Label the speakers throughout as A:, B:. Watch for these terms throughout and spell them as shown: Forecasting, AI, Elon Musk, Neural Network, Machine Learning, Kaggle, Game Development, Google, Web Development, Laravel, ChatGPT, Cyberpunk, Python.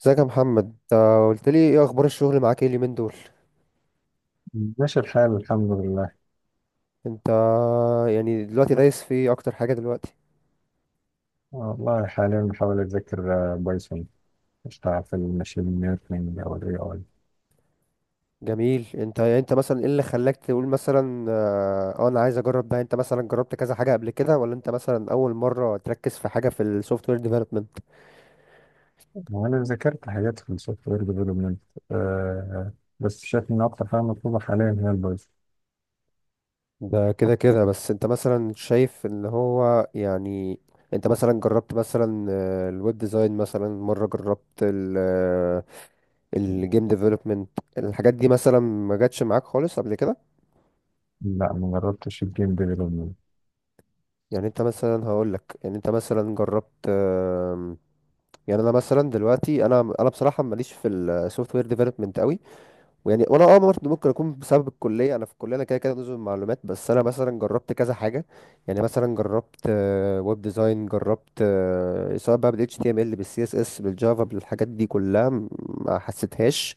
A: ازيك يا محمد؟ انت قلت لي ايه اخبار الشغل معاك ايه اليومين دول؟
B: ماشي الحال، الحمد لله.
A: انت يعني دلوقتي دايس في ايه اكتر حاجه دلوقتي؟
B: والله حاليا بحاول أتذكر بايثون. أشتغل في الماشين ليرنينج أو ال AI.
A: جميل. انت يعني انت مثلا ايه اللي خلاك تقول مثلا اه انا عايز اجرب ده؟ انت مثلا جربت كذا حاجه قبل كده ولا انت مثلا اول مره تركز في حاجه في السوفت وير ديفلوبمنت؟
B: وأنا ذاكرت حاجات في السوفت وير ديفلوبمنت، بس شايف إن أكتر حاجة مطلوبة حاليا هي البايثون.
A: ده كده كده. بس انت مثلا شايف ان هو يعني، انت مثلا جربت مثلا الويب ديزاين؟ مثلا مره جربت الجيم ديفلوبمنت؟ الحاجات دي مثلا ما جاتش معاك خالص قبل كده؟
B: لا، مجربتش الجيم ديفلوبمنت.
A: يعني انت مثلا هقول لك، يعني انت مثلا جربت يعني انا مثلا دلوقتي انا بصراحه ماليش في السوفت وير ديفلوبمنت قوي، ويعني وانا اه برضه ممكن اكون بسبب الكليه، انا في الكليه انا كده كده نظم معلومات. بس انا مثلا جربت كذا حاجه، يعني مثلا جربت ويب ديزاين، جربت، سواء بقى بال HTML بال CSS بالجافا، بالحاجات دي كلها ما حسيتهاش،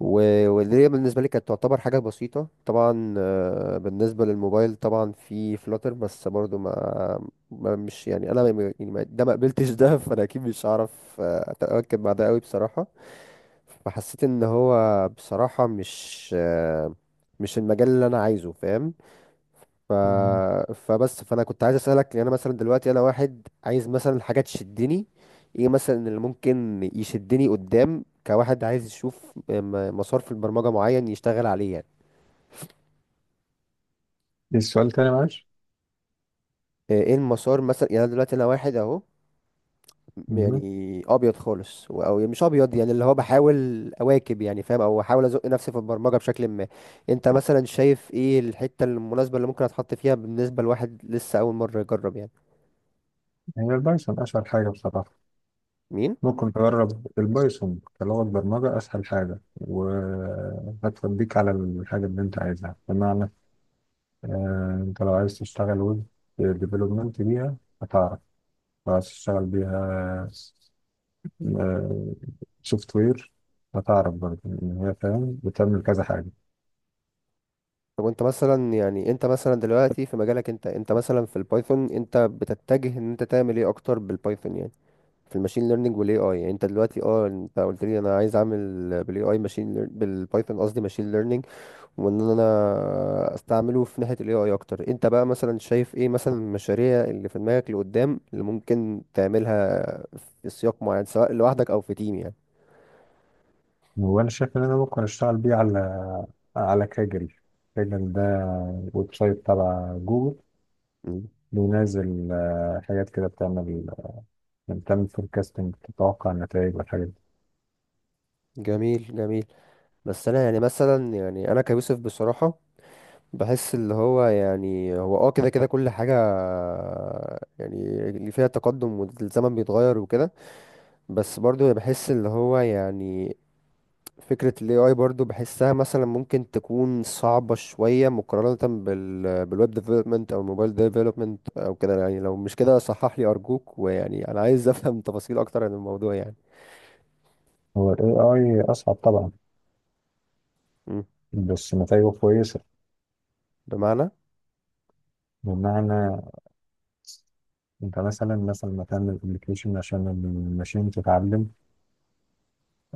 A: واللي هي بالنسبة لي كانت تعتبر حاجة بسيطة طبعا. بالنسبة للموبايل طبعا في فلاتر، بس برضو ما مش يعني، أنا ما- يعني ما- ده ما قبلتش ده فأنا أكيد مش هعرف أتأكد بعد قوي بصراحة. فحسيت إن هو بصراحة مش المجال اللي أنا عايزه، فاهم؟ ف...
B: إيه؟
A: فبس، فانا كنت عايز اسالك، يعني انا مثلا دلوقتي انا واحد عايز مثلا حاجه تشدني، ايه مثلا اللي ممكن يشدني قدام، كواحد عايز يشوف مسار في البرمجه معين يشتغل عليه، يعني
B: السؤال تاني معلش؟
A: ايه المسار مثلا؟ يعني أنا دلوقتي انا واحد اهو،
B: مهم.
A: يعني ابيض خالص او يعني مش ابيض، يعني اللي هو بحاول اواكب يعني، فاهم، او احاول ازق نفسي في البرمجه بشكل ما. انت مثلا شايف ايه الحته المناسبه اللي ممكن اتحط فيها بالنسبه لواحد لسه اول مره يجرب يعني؟
B: هي البايثون أسهل حاجة بصراحة.
A: مين؟
B: ممكن تجرب البايثون كلغة برمجة، أسهل حاجة، وهتوديك على الحاجة اللي أنت عايزها. بمعنى انت لو عايز تشتغل ويب ديفلوبمنت بيها هتعرف. لو عايز تشتغل بيها سوفت وير هتعرف برضه ان هي فاهم بتعمل كذا حاجه.
A: طب وانت مثلا يعني، انت مثلا دلوقتي في مجالك، انت مثلا في البايثون، انت بتتجه ان انت تعمل ايه اكتر بالبايثون؟ يعني في الماشين ليرنينج والاي اي. يعني انت دلوقتي اه انت قلت لي انا عايز اعمل بالاي اي بالبايثون قصدي ماشين ليرنينج، وان انا استعمله في ناحية الاي اي اكتر. انت بقى مثلا شايف ايه مثلا المشاريع اللي في دماغك لقدام اللي ممكن تعملها في سياق معين، سواء لوحدك او في تيم يعني؟
B: وانا شايف ان انا ممكن اشتغل بيه على كاجل. كاجل ده ويب سايت تبع جوجل.
A: مم.
B: بينزل حاجات كده بتعمل، يعني بتعمل فوركاستنج، تتوقع النتائج والحاجات دي.
A: جميل جميل. بس انا يعني مثلا، يعني انا كيوسف بصراحة بحس اللي هو يعني هو اه كده كده كل حاجة يعني اللي فيها تقدم والزمن بيتغير وكده، بس برضو بحس اللي هو يعني فكرة ال AI برضو بحسها مثلا ممكن تكون صعبة شوية مقارنة بالويب ديفلوبمنت أو الموبايل ديفلوبمنت أو كده يعني. لو مش كده صحح لي أرجوك، ويعني أنا عايز أفهم تفاصيل أكتر عن الموضوع يعني.
B: هو الاي اي اصعب طبعا،
A: مم.
B: بس نتائجه كويسه.
A: بمعنى؟
B: بمعنى انت مثلا ما تعمل ابلكيشن عشان الماشين تتعلم،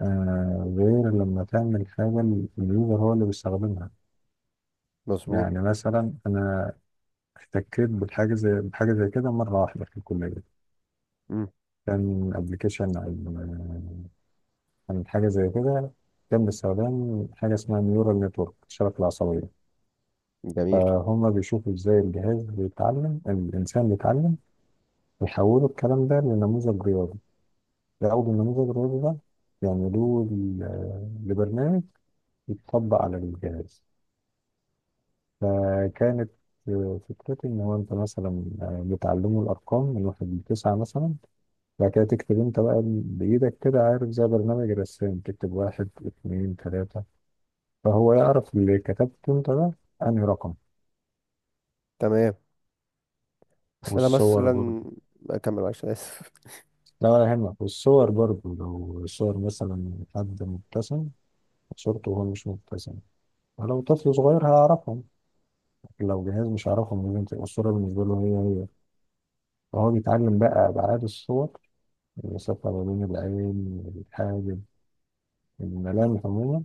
B: غير لما تعمل حاجه اليوزر هو اللي بيستخدمها.
A: مظبوط.
B: يعني مثلا انا احتكيت بالحاجه زي بحاجه زي كده مره واحده في الكليه.
A: مم.
B: كان ابلكيشن عن حاجه زي كده. كان باستخدام حاجه اسمها نيورال نتورك، الشبكه العصبيه.
A: جميل.
B: فهم بيشوفوا ازاي الجهاز بيتعلم، الانسان بيتعلم، ويحولوا الكلام ده لنموذج رياضي. لا، أو بالنموذج الرياضي ده يعملوه لبرنامج يتطبق على الجهاز. فكانت فكرتي إن هو أنت مثلا بتعلمه الأرقام من واحد لتسعة مثلا. بعد كده تكتب أنت بقى بإيدك كده، عارف، زي برنامج الرسام، تكتب واحد اتنين تلاتة، فهو يعرف اللي كتبته أنت ده أنهي رقم.
A: تمام، بس أنا
B: والصور برضه.
A: مثلا، أكمل معلش أنا آسف.
B: لا، ولا يهمك. والصور برضه لو صور مثلا حد مبتسم، صورته وهو مش مبتسم، ولو طفل صغير هيعرفهم، لو جهاز مش هيعرفهم لازم تبقى الصورة بالنسبة له هي هي. فهو بيتعلم بقى أبعاد الصور، المسافة ما بين العين والحاجب، الملامح عموما،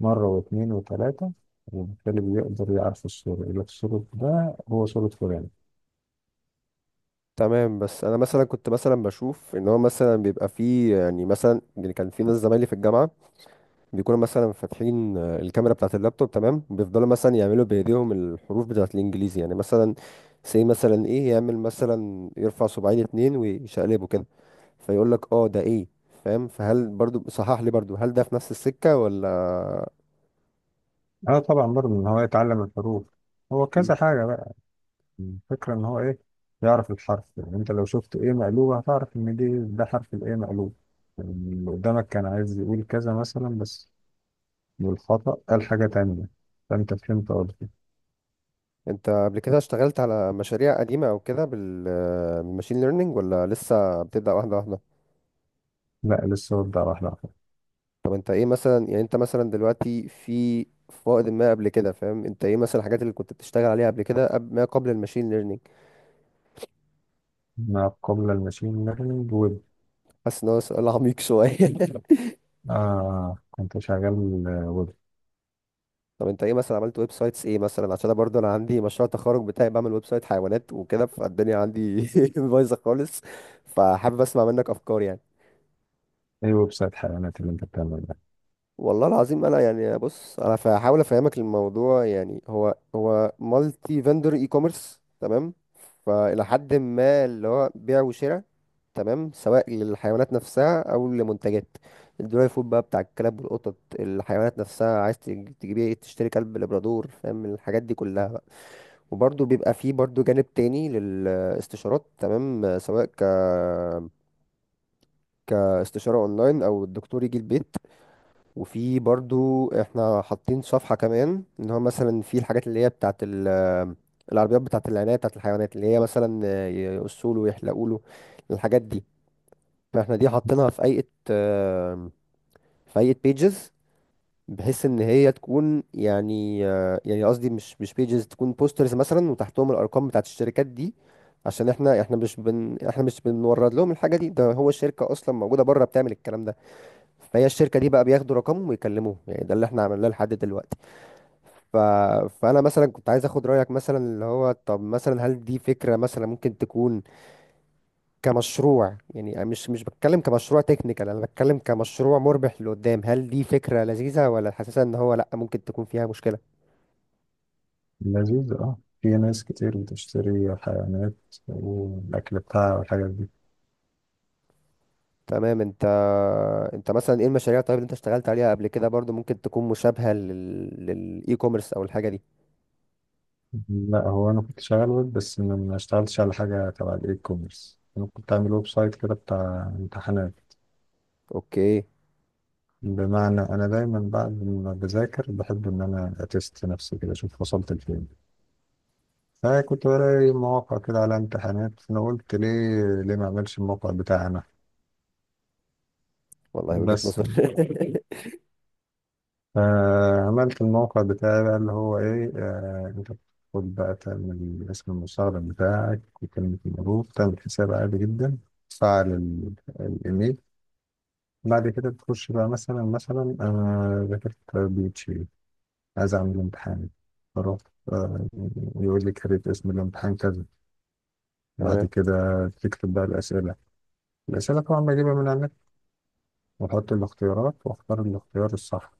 B: مرة واتنين وتلاتة، وبالتالي بيقدر يعرف الصورة، يقول لك الصورة ده هو صورة فلان.
A: تمام. بس انا مثلا كنت مثلا بشوف ان هو مثلا بيبقى فيه، يعني مثلا، يعني كان في ناس زمايلي في الجامعه بيكونوا مثلا فاتحين الكاميرا بتاعه اللابتوب، تمام، بيفضلوا مثلا يعملوا بايديهم الحروف بتاعه الانجليزي، يعني مثلا سي مثلا، ايه يعمل، مثلا يرفع صباعين اتنين ويشقلبه كده فيقول لك اه ده ايه، فاهم؟ فهل برضو، صحح لي برضو، هل ده في نفس السكه ولا؟
B: اه، طبعا برضه إن هو يتعلم الحروف. هو كذا
A: مم.
B: حاجة بقى. الفكرة إن هو إيه، يعرف الحرف، يعني أنت لو شفت إيه مقلوبة هتعرف إن دي ده حرف الإيه مقلوب. يعني اللي قدامك كان عايز يقول كذا مثلا، بس بالخطأ قال حاجة تانية، فأنت فهمت قصدي.
A: انت قبل كده اشتغلت على مشاريع قديمه او كده بالماشين ليرنينج ولا لسه بتبدا واحده واحده؟
B: لا، لسه ببدأ واحدة واحدة.
A: طب انت ايه مثلا، يعني انت مثلا دلوقتي في فائض ما قبل كده، فاهم، انت ايه مثلا الحاجات اللي كنت بتشتغل عليها قبل كده، قبل ما قبل الماشين ليرنينج؟
B: ما قبل الماشين ليرنينج ويب.
A: حاسس ان هو سؤال عميق شويه
B: آه، كنت شغال ويب.
A: طب انت ايه مثلا عملت ويب سايتس ايه مثلا؟ عشان انا برضه انا عندي مشروع تخرج بتاعي بعمل ويب سايت حيوانات وكده، فالدنيا عندي بايظه خالص، فحابب اسمع منك افكار يعني.
B: ايه ويب سايت حيوانات اللي انت بتعمله ده؟
A: والله العظيم انا، يعني بص انا هحاول افهمك الموضوع، يعني هو هو مالتي فندر اي كوميرس تمام، فالى حد ما اللي هو بيع وشراء، تمام، سواء للحيوانات نفسها او لمنتجات، الدراي فود بقى بتاع الكلاب والقطط، الحيوانات نفسها عايز تجيبي إيه؟ تشتري كلب لابرادور، فاهم، الحاجات دي كلها بقى. وبرضه بيبقى فيه برضه جانب تاني للاستشارات، تمام، سواء ك كاستشارة اونلاين او الدكتور يجي البيت. وفي برضه احنا حاطين صفحة كمان ان هو مثلا في الحاجات اللي هي بتاعت العربيات بتاعت العناية بتاعت الحيوانات، اللي هي مثلا يقصوله ويحلقوله الحاجات دي. ما احنا دي حاطينها في ايقة في ايقة بيجز، بحيث ان هي تكون يعني آه، يعني قصدي مش مش بيجز، تكون بوسترز مثلا وتحتهم الارقام بتاعت الشركات دي، عشان احنا احنا مش بن احنا مش بنورد لهم الحاجه دي، ده هو الشركه اصلا موجوده بره بتعمل الكلام ده، فهي الشركه دي بقى بياخدوا رقمهم ويكلموهم، يعني ده اللي احنا عملناه لحد دلوقتي. ف... فانا مثلا كنت عايز اخد رايك مثلا، اللي هو طب مثلا هل دي فكره مثلا ممكن تكون كمشروع؟ يعني مش مش بتكلم كمشروع تكنيكال، انا بتكلم كمشروع مربح لقدام، هل دي فكرة لذيذة ولا حاسسها ان هو لا ممكن تكون فيها مشكلة؟
B: لذيذ، اه، في ناس كتير بتشتري حيوانات والأكل بتاعها والحاجات دي.
A: تمام. انت، انت مثلا ايه المشاريع طيب اللي انت اشتغلت عليها قبل كده برضو، ممكن تكون مشابهة للاي كوميرس او الحاجة دي؟
B: لا، هو أنا كنت شغال ويب بس ما اشتغلتش على حاجة تبع الإي كوميرس. أنا كنت عامل ويب سايت كده بتاع امتحانات.
A: اوكي.
B: بمعنى أنا دايما بعد ما بذاكر بحب إن أنا أتست نفسي كده، أشوف وصلت لفين. أنا كنت بلاقي مواقع كده على امتحانات، فأنا قلت ليه ما أعملش الموقع بتاعنا؟
A: والله وجهة
B: بس،
A: نظر
B: فعملت الموقع بتاعي بقى اللي هو إيه، أنت بتاخد بقى تعمل اسم المستخدم بتاعك وكلمة المرور، تعمل حساب عادي جدا. تفعل الإيميل. بعد كده بتخش بقى مثلا، أنا ذاكرت بيتشي، عايز أعمل امتحان. فرحت، آه، يقول لي كريت اسم الامتحان كذا. بعد
A: تمام.
B: كده تكتب بقى الأسئلة. الأسئلة طبعا بجيبها من على، واحط الاختيارات واختار الاختيار الصح،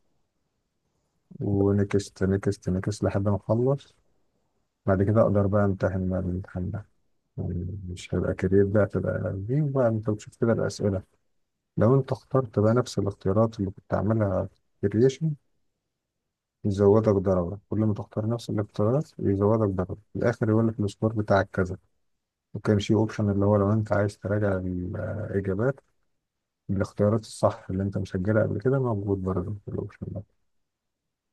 B: ونكست نكست نكست لحد ما اخلص. بعد كده اقدر بقى امتحن بقى الامتحان ده. يعني مش هيبقى كارير، ده هتبقى دي بقى انت بتشوف كده الاسئله. لو انت اخترت بقى نفس الاختيارات اللي كنت عاملها في الكرييشن يزودك درجه، كل ما تختار نفس الاختيارات يزودك درجه، في الاخر يقول لك السكور بتاعك كذا. وكان في اوبشن اللي هو لو انت عايز تراجع الاجابات بالاختيارات الصح اللي انت مسجلها قبل كده، موجود برضه في الاوبشن ده.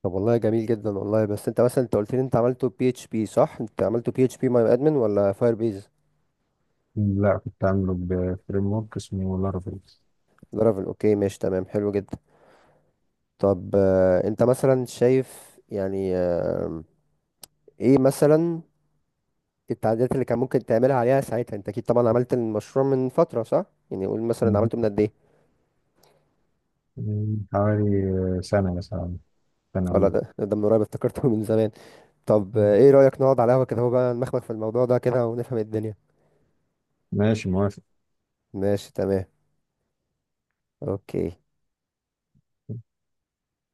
A: طب والله جميل جدا والله. بس انت مثلا، انت قلت لي انت عملته بي اتش بي صح؟ انت عملته بي اتش بي ماي ادمن ولا فاير بيز؟
B: لا، كنت عامله بفريم ورك اسمه لارافيل.
A: لارافيل، اوكي، ماشي تمام، حلو جدا. طب انت مثلا شايف يعني آه، ايه مثلا التعديلات اللي كان ممكن تعملها عليها ساعتها؟ انت اكيد طبعا عملت المشروع من فترة صح، يعني قول مثلا عملته من
B: مهم.
A: قد ايه؟
B: من حوالي سنة مثلا، سنة
A: ولا
B: أوي.
A: ده من قريب افتكرته من زمان. طب
B: مم.
A: ايه رأيك نقعد على قهوة كده هو بقى نمخمخ في الموضوع ده كده ونفهم الدنيا؟
B: ماشي، موافق.
A: ماشي تمام. اوكي.